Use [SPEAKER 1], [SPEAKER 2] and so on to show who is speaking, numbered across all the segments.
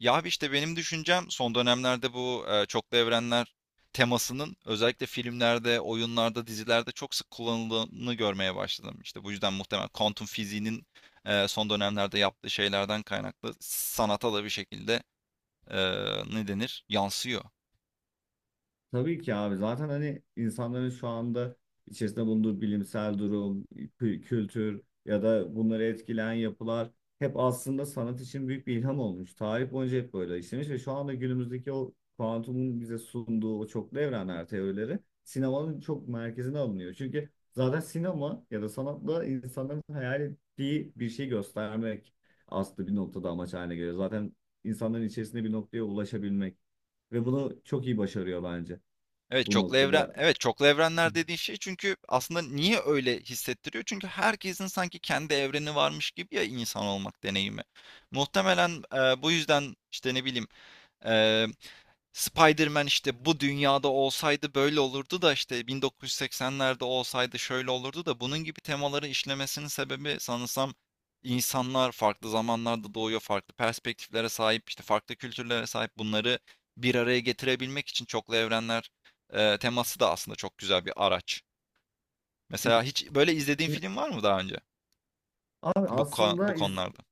[SPEAKER 1] Ya abi, işte benim düşüncem, son dönemlerde bu çoklu evrenler temasının özellikle filmlerde, oyunlarda, dizilerde çok sık kullanıldığını görmeye başladım. İşte bu yüzden muhtemelen kuantum fiziğinin son dönemlerde yaptığı şeylerden kaynaklı sanata da bir şekilde e, ne denir? Yansıyor.
[SPEAKER 2] Tabii ki abi zaten hani insanların şu anda içerisinde bulunduğu bilimsel durum, kültür ya da bunları etkileyen yapılar hep aslında sanat için büyük bir ilham olmuş. Tarih boyunca hep böyle işlemiş ve şu anda günümüzdeki o kuantumun bize sunduğu o çoklu evrenler teorileri sinemanın çok merkezine alınıyor. Çünkü zaten sinema ya da sanatla insanların hayal ettiği bir şey göstermek aslında bir noktada amaç haline geliyor. Zaten insanların içerisinde bir noktaya ulaşabilmek
[SPEAKER 1] Hı
[SPEAKER 2] ve
[SPEAKER 1] hı.
[SPEAKER 2] bunu çok iyi başarıyor bence
[SPEAKER 1] Evet,
[SPEAKER 2] bu noktada.
[SPEAKER 1] çoklu evrenler dediğin şey, çünkü aslında niye öyle hissettiriyor? Çünkü herkesin sanki kendi evreni varmış gibi, ya, insan olmak deneyimi. Muhtemelen bu yüzden işte, ne bileyim, Spider-Man işte bu dünyada olsaydı böyle olurdu da, işte 1980'lerde olsaydı şöyle olurdu da, bunun gibi temaları işlemesinin sebebi sanırsam insanlar farklı zamanlarda doğuyor, farklı perspektiflere sahip, işte farklı kültürlere sahip, bunları bir araya getirebilmek için çoklu evrenler teması da aslında çok güzel bir araç. Mesela hiç böyle izlediğin film var mı daha önce
[SPEAKER 2] Abi
[SPEAKER 1] bu
[SPEAKER 2] aslında
[SPEAKER 1] konularda?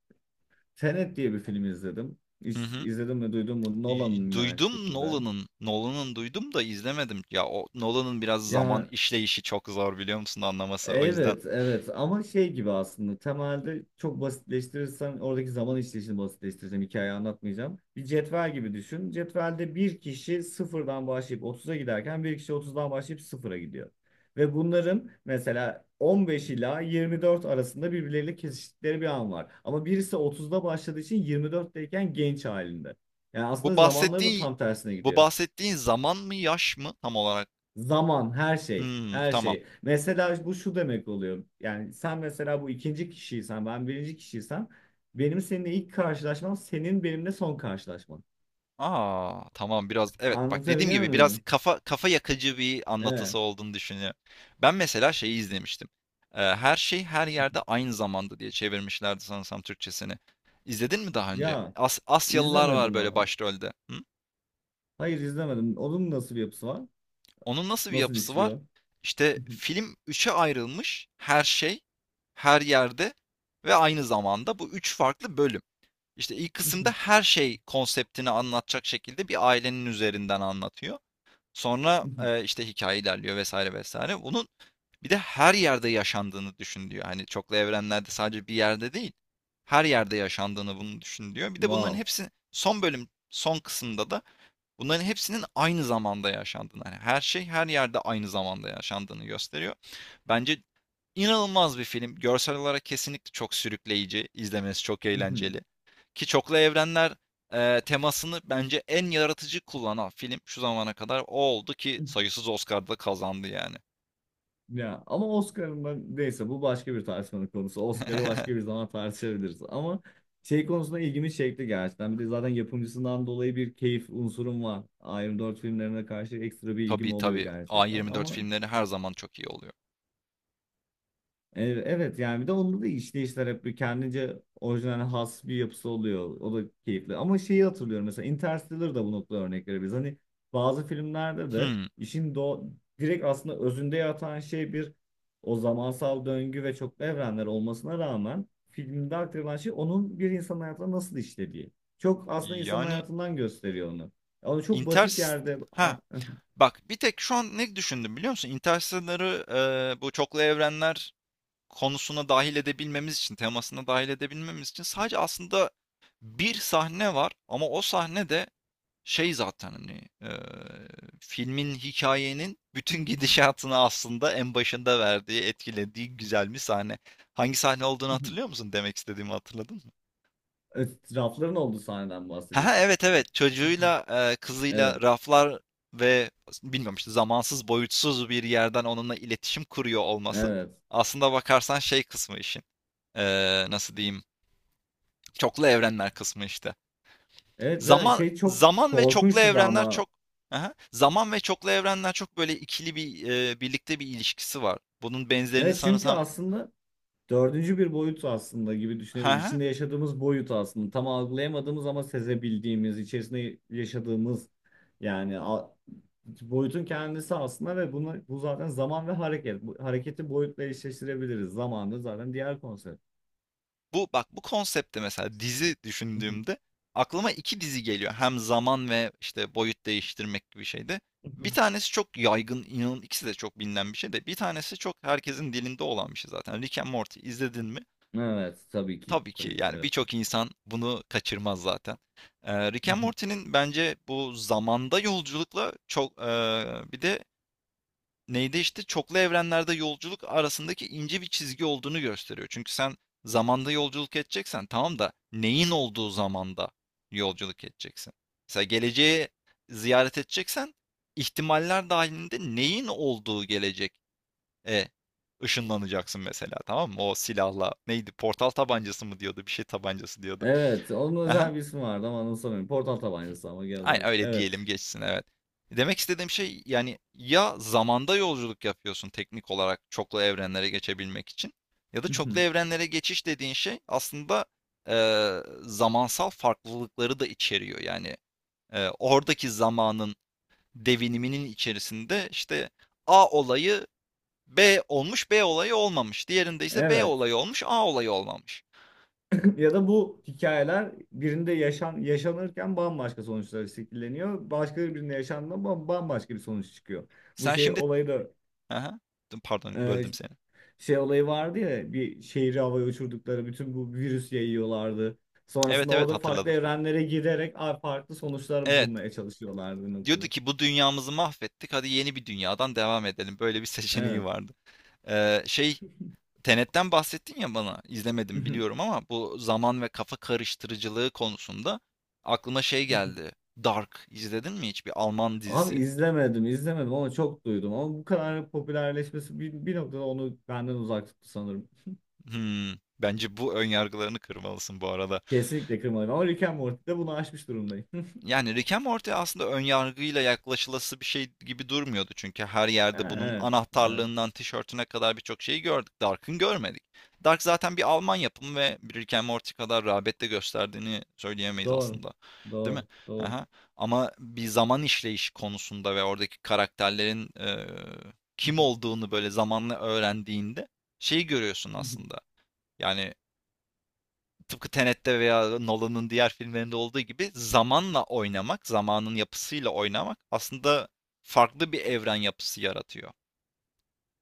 [SPEAKER 2] Tenet diye bir film izledim.
[SPEAKER 1] Hı hı.
[SPEAKER 2] İzledim ve duydum mu? Nolan'ın yine aynı
[SPEAKER 1] Duydum
[SPEAKER 2] şekilde.
[SPEAKER 1] Nolan'ın. Nolan'ın duydum da izlemedim. Ya, o Nolan'ın biraz zaman
[SPEAKER 2] Ya,
[SPEAKER 1] işleyişi çok zor, biliyor musun, anlaması, o yüzden.
[SPEAKER 2] evet, evet ama şey gibi aslında temelde çok basitleştirirsen oradaki zaman işleyişini basitleştireceğim, hikayeyi anlatmayacağım. Bir cetvel gibi düşün. Cetvelde bir kişi sıfırdan başlayıp otuza giderken bir kişi otuzdan başlayıp sıfıra gidiyor. Ve bunların mesela 15 ila 24 arasında birbirleriyle kesiştikleri bir an var. Ama
[SPEAKER 1] Hı
[SPEAKER 2] birisi
[SPEAKER 1] hı.
[SPEAKER 2] otuzda başladığı için 24'teyken genç halinde. Yani aslında
[SPEAKER 1] Bu
[SPEAKER 2] zamanları da
[SPEAKER 1] bahsettiğin
[SPEAKER 2] tam tersine
[SPEAKER 1] bu
[SPEAKER 2] gidiyor.
[SPEAKER 1] bahsettiğin zaman mı, yaş mı tam olarak?
[SPEAKER 2] Zaman, her şey,
[SPEAKER 1] Hmm,
[SPEAKER 2] her
[SPEAKER 1] tamam.
[SPEAKER 2] şey. Mesela bu şu demek oluyor. Yani sen mesela bu ikinci kişiysen, ben birinci kişiysem, benim seninle ilk karşılaşmam, senin benimle son karşılaşman.
[SPEAKER 1] Aa, tamam, biraz, evet, bak, dediğim
[SPEAKER 2] Anlatabiliyor
[SPEAKER 1] gibi biraz
[SPEAKER 2] muyum?
[SPEAKER 1] kafa yakıcı bir
[SPEAKER 2] Evet.
[SPEAKER 1] anlatısı olduğunu düşünüyorum. Ben mesela şeyi izlemiştim. Her Şey Her Yerde Aynı Zamanda diye çevirmişlerdi sanırsam Türkçesini. İzledin mi daha önce?
[SPEAKER 2] Ya,
[SPEAKER 1] Asyalılar var
[SPEAKER 2] izlemedim
[SPEAKER 1] böyle
[SPEAKER 2] abi.
[SPEAKER 1] başrolde. Hı?
[SPEAKER 2] Hayır, izlemedim. Onun nasıl bir yapısı var?
[SPEAKER 1] Onun nasıl bir
[SPEAKER 2] Nasıl
[SPEAKER 1] yapısı var?
[SPEAKER 2] işliyor?
[SPEAKER 1] İşte film üçe ayrılmış: her şey, her yerde ve aynı zamanda, bu üç farklı bölüm. İşte ilk kısımda her şey konseptini anlatacak şekilde bir ailenin üzerinden anlatıyor. Sonra işte hikaye ilerliyor, vesaire vesaire. Bunun bir de her yerde yaşandığını düşün diyor. Hani çoklu evrenlerde sadece bir yerde değil, her yerde yaşandığını, bunu düşün diyor. Bir de bunların
[SPEAKER 2] Wow.
[SPEAKER 1] hepsi son bölüm, son kısımda da bunların hepsinin aynı zamanda yaşandığını, hani her şey, her yerde, aynı zamanda yaşandığını gösteriyor. Bence İnanılmaz bir film. Görsel olarak kesinlikle çok sürükleyici, izlemesi çok eğlenceli. Ki çoklu evrenler temasını bence en yaratıcı kullanan film şu zamana kadar o oldu, ki sayısız Oscar'da da kazandı yani.
[SPEAKER 2] Ya ama Oscar'ın, ben neyse, bu başka bir tartışmanın konusu. Oscar'ı başka bir zaman tartışabiliriz. Ama şey konusunda ilgimi çekti gerçekten. Bir de zaten yapımcısından dolayı bir keyif unsurum var. Iron 4 filmlerine karşı ekstra bir ilgim
[SPEAKER 1] Tabii,
[SPEAKER 2] oluyor
[SPEAKER 1] tabii.
[SPEAKER 2] gerçekten.
[SPEAKER 1] A24
[SPEAKER 2] Ama
[SPEAKER 1] filmleri her zaman çok iyi oluyor.
[SPEAKER 2] Evet, yani bir de onda da işleyişler hep bir kendince orijinal, has bir yapısı oluyor. O da keyifli. Ama şeyi hatırlıyorum, mesela Interstellar da bu noktada örnek verebiliriz. Hani bazı filmlerde de
[SPEAKER 1] Hmm.
[SPEAKER 2] işin direkt aslında özünde yatan şey bir o zamansal döngü ve çoklu evrenler olmasına rağmen filmde aktarılan şey onun bir insanın hayatına nasıl işlediği. Çok aslında insanın
[SPEAKER 1] Yani
[SPEAKER 2] hayatından gösteriyor onu. Ama çok
[SPEAKER 1] Inter...
[SPEAKER 2] basit yerde,
[SPEAKER 1] ha, bak, bir tek şu an ne düşündüm biliyor musun? Interstellar'ı bu çoklu evrenler konusuna dahil edebilmemiz için, temasına dahil edebilmemiz için sadece aslında bir sahne var, ama o sahne de şey zaten, hani e, filmin, hikayenin bütün gidişatını aslında en başında verdiği, etkilediği güzel bir sahne. Hangi sahne olduğunu hatırlıyor musun? Demek istediğimi hatırladın mı?
[SPEAKER 2] etrafların olduğu sahneden
[SPEAKER 1] Ha,
[SPEAKER 2] bahsediyorsun.
[SPEAKER 1] evet, evet, çocuğuyla kızıyla,
[SPEAKER 2] Evet,
[SPEAKER 1] raflar ve, bilmiyorum, işte zamansız, boyutsuz bir yerden onunla iletişim kuruyor olması.
[SPEAKER 2] evet.
[SPEAKER 1] Aslında bakarsan şey kısmı işin. E, nasıl diyeyim? Çoklu evrenler kısmı işte.
[SPEAKER 2] Evet ve
[SPEAKER 1] Zaman
[SPEAKER 2] şey çok
[SPEAKER 1] zaman ve çoklu
[SPEAKER 2] korkunçtu da
[SPEAKER 1] evrenler
[SPEAKER 2] ama.
[SPEAKER 1] çok Hı Zaman ve çoklu evrenler çok böyle ikili bir, birlikte bir ilişkisi var. Bunun benzerini
[SPEAKER 2] Evet çünkü
[SPEAKER 1] sanırsam.
[SPEAKER 2] aslında dördüncü bir boyut aslında gibi düşünebiliriz.
[SPEAKER 1] Hı
[SPEAKER 2] İçinde yaşadığımız boyut aslında. Tam algılayamadığımız ama sezebildiğimiz, içerisinde yaşadığımız yani boyutun kendisi aslında ve bunu, bu zaten zaman ve hareket. Bu, hareketi boyutla eşleştirebiliriz. Zaman da zaten diğer konsept.
[SPEAKER 1] Bu bak, bu konsepte mesela dizi düşündüğümde aklıma 2 dizi geliyor. Hem zaman ve, işte, boyut değiştirmek gibi şeyde. Bir tanesi çok yaygın, inan ikisi de çok bilinen bir şey, de bir tanesi çok herkesin dilinde olan bir şey zaten. Rick and Morty izledin mi?
[SPEAKER 2] Evet, tabii ki.
[SPEAKER 1] Tabii ki,
[SPEAKER 2] Tabii ki
[SPEAKER 1] yani
[SPEAKER 2] evet.
[SPEAKER 1] birçok insan bunu kaçırmaz zaten. Rick and Morty'nin bence bu zamanda yolculukla çok, bir de neydi, işte çoklu evrenlerde yolculuk arasındaki ince bir çizgi olduğunu gösteriyor. Çünkü sen zamanda yolculuk edeceksen, tamam da, neyin olduğu zamanda yolculuk edeceksin? Mesela geleceği ziyaret edeceksen, ihtimaller dahilinde neyin olduğu gelecek. Eee, ışınlanacaksın mesela, tamam mı? O silahla, neydi, portal tabancası mı diyordu, bir şey tabancası diyordu.
[SPEAKER 2] Evet, onun
[SPEAKER 1] Hı
[SPEAKER 2] özel bir ismi vardı ama anımsamıyorum. Portal tabancası ama gel
[SPEAKER 1] Aynen
[SPEAKER 2] bak.
[SPEAKER 1] öyle diyelim,
[SPEAKER 2] Evet.
[SPEAKER 1] geçsin, evet. Demek istediğim şey, yani ya zamanda yolculuk yapıyorsun teknik olarak çoklu evrenlere geçebilmek için, ya da çoklu evrenlere geçiş dediğin şey aslında zamansal farklılıkları da içeriyor. Yani oradaki zamanın deviniminin içerisinde, işte A olayı, B olmuş, B olayı olmamış. Diğerinde ise B
[SPEAKER 2] Evet.
[SPEAKER 1] olayı olmuş, A olayı olmamış.
[SPEAKER 2] Ya da bu hikayeler birinde yaşan, yaşanırken bambaşka sonuçlar şekilleniyor. Başka birinde yaşandığında bambaşka bir sonuç çıkıyor. Bu
[SPEAKER 1] Sen
[SPEAKER 2] şey
[SPEAKER 1] şimdi...
[SPEAKER 2] olayı da,
[SPEAKER 1] Aha. Pardon,
[SPEAKER 2] e,
[SPEAKER 1] böldüm seni.
[SPEAKER 2] şey olayı vardı ya, bir şehri havaya uçurdukları, bütün bu virüs yayıyorlardı.
[SPEAKER 1] Evet,
[SPEAKER 2] Sonrasında
[SPEAKER 1] evet,
[SPEAKER 2] orada farklı
[SPEAKER 1] hatırladım.
[SPEAKER 2] evrenlere giderek farklı sonuçlar
[SPEAKER 1] Evet.
[SPEAKER 2] bulmaya çalışıyorlardı bir
[SPEAKER 1] Diyordu
[SPEAKER 2] noktada.
[SPEAKER 1] ki, bu dünyamızı mahvettik, hadi yeni bir dünyadan devam edelim. Böyle bir seçeneği
[SPEAKER 2] Evet.
[SPEAKER 1] vardı. Şey, Tenet'ten bahsettin ya bana. İzlemedim biliyorum, ama bu zaman ve kafa karıştırıcılığı konusunda aklıma şey geldi. Dark izledin mi hiç? Bir Alman
[SPEAKER 2] Abi
[SPEAKER 1] dizisi.
[SPEAKER 2] izlemedim, izlemedim ama çok duydum. Ama bu kadar popülerleşmesi bir noktada onu benden uzak tuttu sanırım.
[SPEAKER 1] Hmm, bence bu ön yargılarını kırmalısın bu arada.
[SPEAKER 2] Kesinlikle kırmadım. Ama Rick and Morty'de bunu aşmış durumdayım.
[SPEAKER 1] Yani Rick and Morty aslında önyargıyla yaklaşılası bir şey gibi durmuyordu. Çünkü her yerde
[SPEAKER 2] Ha,
[SPEAKER 1] bunun
[SPEAKER 2] evet, evet.
[SPEAKER 1] anahtarlığından tişörtüne kadar birçok şeyi gördük. Dark'ın görmedik. Dark zaten bir Alman yapımı ve bir Rick and Morty kadar rağbet de gösterdiğini söyleyemeyiz
[SPEAKER 2] Doğru.
[SPEAKER 1] aslında. Değil mi?
[SPEAKER 2] Doğru, doğru.
[SPEAKER 1] Aha. Ama bir zaman işleyişi konusunda ve oradaki karakterlerin kim olduğunu böyle zamanla öğrendiğinde şeyi görüyorsun aslında. Yani tıpkı Tenet'te veya Nolan'ın diğer filmlerinde olduğu gibi, zamanla oynamak, zamanın yapısıyla oynamak aslında farklı bir evren yapısı yaratıyor.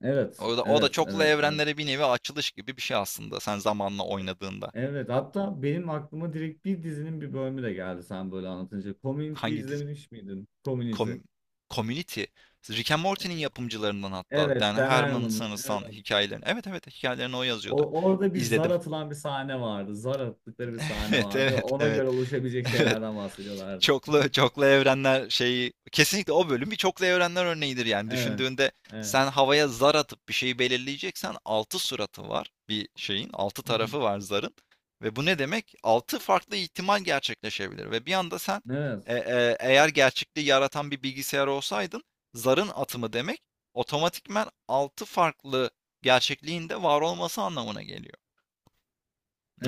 [SPEAKER 2] Evet,
[SPEAKER 1] O da
[SPEAKER 2] evet,
[SPEAKER 1] çoklu
[SPEAKER 2] evet, evet.
[SPEAKER 1] evrenlere bir nevi açılış gibi bir şey aslında, sen zamanla oynadığında.
[SPEAKER 2] Evet, hatta benim aklıma direkt bir dizinin bir bölümü de geldi sen böyle anlatınca. Community
[SPEAKER 1] Hangi dizi?
[SPEAKER 2] izlemiş miydin? Community.
[SPEAKER 1] Com- Community. Rick and Morty'nin yapımcılarından, hatta
[SPEAKER 2] Evet,
[SPEAKER 1] Dan
[SPEAKER 2] Dan
[SPEAKER 1] Harmon
[SPEAKER 2] Harmon'ın.
[SPEAKER 1] sanırsam
[SPEAKER 2] Evet.
[SPEAKER 1] hikayelerini. Evet, evet, hikayelerini o yazıyordu.
[SPEAKER 2] O, orada bir zar
[SPEAKER 1] İzledim.
[SPEAKER 2] atılan bir sahne vardı. Zar attıkları bir sahne
[SPEAKER 1] Evet,
[SPEAKER 2] vardı ve
[SPEAKER 1] evet,
[SPEAKER 2] ona
[SPEAKER 1] evet.
[SPEAKER 2] göre oluşabilecek
[SPEAKER 1] Evet.
[SPEAKER 2] şeylerden bahsediyorlardı.
[SPEAKER 1] Çoklu evrenler şeyi, kesinlikle o bölüm bir çoklu evrenler örneğidir yani.
[SPEAKER 2] Evet,
[SPEAKER 1] Düşündüğünde,
[SPEAKER 2] evet.
[SPEAKER 1] sen havaya zar atıp bir şeyi belirleyeceksen, 6 suratı var bir şeyin, 6 tarafı var zarın. Ve bu ne demek? Altı farklı ihtimal gerçekleşebilir ve bir anda sen,
[SPEAKER 2] Evet.
[SPEAKER 1] eğer gerçekliği yaratan bir bilgisayar olsaydın, zarın atımı demek otomatikman 6 farklı gerçekliğin de var olması anlamına geliyor.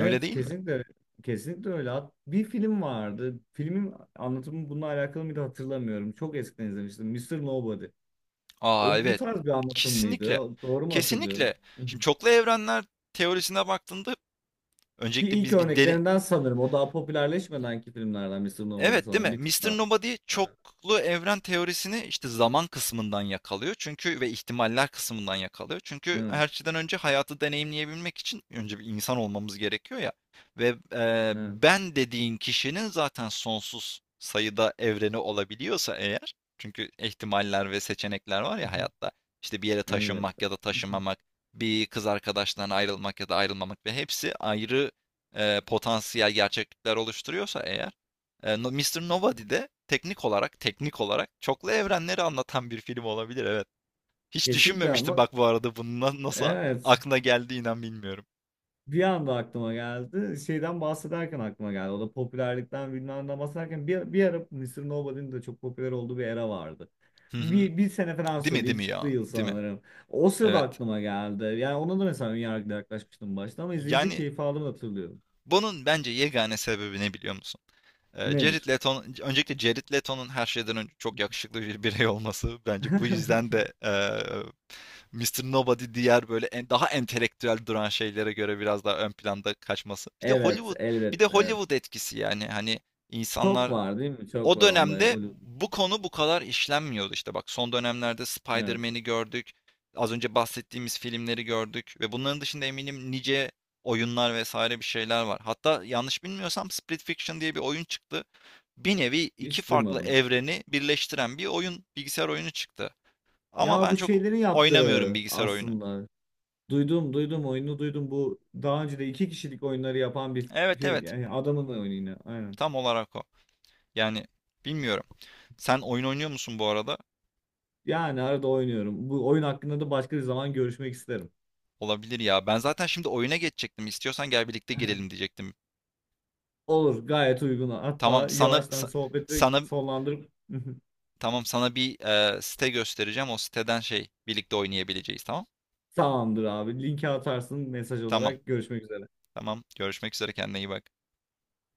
[SPEAKER 1] Öyle değil mi?
[SPEAKER 2] kesinlikle, kesinlikle öyle. Bir film vardı. Filmin anlatımı bununla alakalı mıydı hatırlamıyorum. Çok eskiden izlemiştim. Mister Nobody.
[SPEAKER 1] Aa,
[SPEAKER 2] O bu
[SPEAKER 1] evet.
[SPEAKER 2] tarz bir anlatım
[SPEAKER 1] Kesinlikle.
[SPEAKER 2] mıydı? Doğru mu hatırlıyorum?
[SPEAKER 1] Kesinlikle.
[SPEAKER 2] Hı hı.
[SPEAKER 1] Şimdi çoklu evrenler teorisine baktığında
[SPEAKER 2] Ki
[SPEAKER 1] öncelikle
[SPEAKER 2] ilk örneklerinden sanırım. O daha popülerleşmedenki filmlerden Mister Nobody
[SPEAKER 1] evet, değil
[SPEAKER 2] sanırım.
[SPEAKER 1] mi?
[SPEAKER 2] Bir tık
[SPEAKER 1] Mister
[SPEAKER 2] daha.
[SPEAKER 1] Nobody
[SPEAKER 2] Evet.
[SPEAKER 1] çoklu evren teorisini, işte zaman kısmından yakalıyor çünkü, ve ihtimaller kısmından yakalıyor. Çünkü
[SPEAKER 2] Evet.
[SPEAKER 1] her şeyden önce hayatı deneyimleyebilmek için önce bir insan olmamız gerekiyor ya ve,
[SPEAKER 2] Evet.
[SPEAKER 1] ben dediğin kişinin zaten sonsuz sayıda evreni olabiliyorsa eğer, çünkü ihtimaller ve seçenekler var ya hayatta, işte bir yere taşınmak
[SPEAKER 2] Elbette.
[SPEAKER 1] ya da taşınmamak, bir kız arkadaştan ayrılmak ya da ayrılmamak ve hepsi ayrı, potansiyel gerçeklikler oluşturuyorsa eğer, Mr. Nobody de teknik olarak çoklu evrenleri anlatan bir film olabilir, evet. Hiç
[SPEAKER 2] Kesinlikle
[SPEAKER 1] düşünmemiştim
[SPEAKER 2] ama
[SPEAKER 1] bak, bu arada bunun nasıl
[SPEAKER 2] evet.
[SPEAKER 1] aklına geldi, inan bilmiyorum.
[SPEAKER 2] Bir anda aklıma geldi. Şeyden bahsederken aklıma geldi. O da popülerlikten bilmem ne bahsederken bir ara Mr. Nobody'nin de çok popüler olduğu bir era vardı.
[SPEAKER 1] Hı hı.
[SPEAKER 2] Bir sene falan
[SPEAKER 1] Değil mi,
[SPEAKER 2] sürdü.
[SPEAKER 1] değil
[SPEAKER 2] İlk
[SPEAKER 1] mi
[SPEAKER 2] çıktığı
[SPEAKER 1] ya?
[SPEAKER 2] yıl
[SPEAKER 1] Değil mi?
[SPEAKER 2] sanırım. O sırada
[SPEAKER 1] Evet.
[SPEAKER 2] aklıma geldi. Yani ona da mesela önyargıyla yaklaşmıştım başta ama izleyince
[SPEAKER 1] Yani
[SPEAKER 2] keyif aldığımı hatırlıyorum.
[SPEAKER 1] bunun bence yegane sebebi ne biliyor musun? Jared
[SPEAKER 2] Nedir?
[SPEAKER 1] Leto, öncelikle Jared Leto'nun her şeyden önce çok yakışıklı bir birey olması, bence bu yüzden de Mr. Nobody diğer böyle, en daha entelektüel duran şeylere göre biraz daha ön planda kaçması.
[SPEAKER 2] Evet,
[SPEAKER 1] Bir
[SPEAKER 2] elbet,
[SPEAKER 1] de
[SPEAKER 2] evet.
[SPEAKER 1] Hollywood etkisi, yani hani
[SPEAKER 2] Çok
[SPEAKER 1] insanlar
[SPEAKER 2] var değil mi? Çok
[SPEAKER 1] o
[SPEAKER 2] var onda.
[SPEAKER 1] dönemde bu konu bu kadar işlenmiyordu, işte bak, son dönemlerde
[SPEAKER 2] Evet.
[SPEAKER 1] Spider-Man'i gördük. Az önce bahsettiğimiz filmleri gördük ve bunların dışında eminim nice oyunlar, vesaire, bir şeyler var. Hatta yanlış bilmiyorsam Split Fiction diye bir oyun çıktı. Bir nevi iki
[SPEAKER 2] Hiç
[SPEAKER 1] farklı
[SPEAKER 2] duymadım.
[SPEAKER 1] evreni birleştiren bir oyun, bilgisayar oyunu çıktı. Ama
[SPEAKER 2] Ya
[SPEAKER 1] ben
[SPEAKER 2] bu
[SPEAKER 1] çok
[SPEAKER 2] şeylerin
[SPEAKER 1] oynamıyorum
[SPEAKER 2] yaptığı
[SPEAKER 1] bilgisayar oyunu.
[SPEAKER 2] aslında. Duydum, duydum, oyunu duydum. Bu daha önce de iki kişilik oyunları yapan bir
[SPEAKER 1] Evet, evet.
[SPEAKER 2] yani adamın oyunu yine. Aynen.
[SPEAKER 1] Tam olarak o. Yani bilmiyorum. Sen oyun oynuyor musun bu arada?
[SPEAKER 2] Yani arada oynuyorum. Bu oyun hakkında da başka bir zaman görüşmek isterim.
[SPEAKER 1] Olabilir ya. Ben zaten şimdi oyuna geçecektim. İstiyorsan gel birlikte girelim diyecektim.
[SPEAKER 2] Olur, gayet uygun.
[SPEAKER 1] Tamam
[SPEAKER 2] Hatta
[SPEAKER 1] sana
[SPEAKER 2] yavaştan
[SPEAKER 1] sa-
[SPEAKER 2] sohbeti
[SPEAKER 1] sana
[SPEAKER 2] sonlandırıp
[SPEAKER 1] tamam, sana bir site göstereceğim. O siteden şey birlikte oynayabileceğiz, tamam?
[SPEAKER 2] tamamdır abi. Linki atarsın mesaj
[SPEAKER 1] Tamam.
[SPEAKER 2] olarak. Görüşmek üzere.
[SPEAKER 1] Tamam. Görüşmek üzere, kendine iyi bak.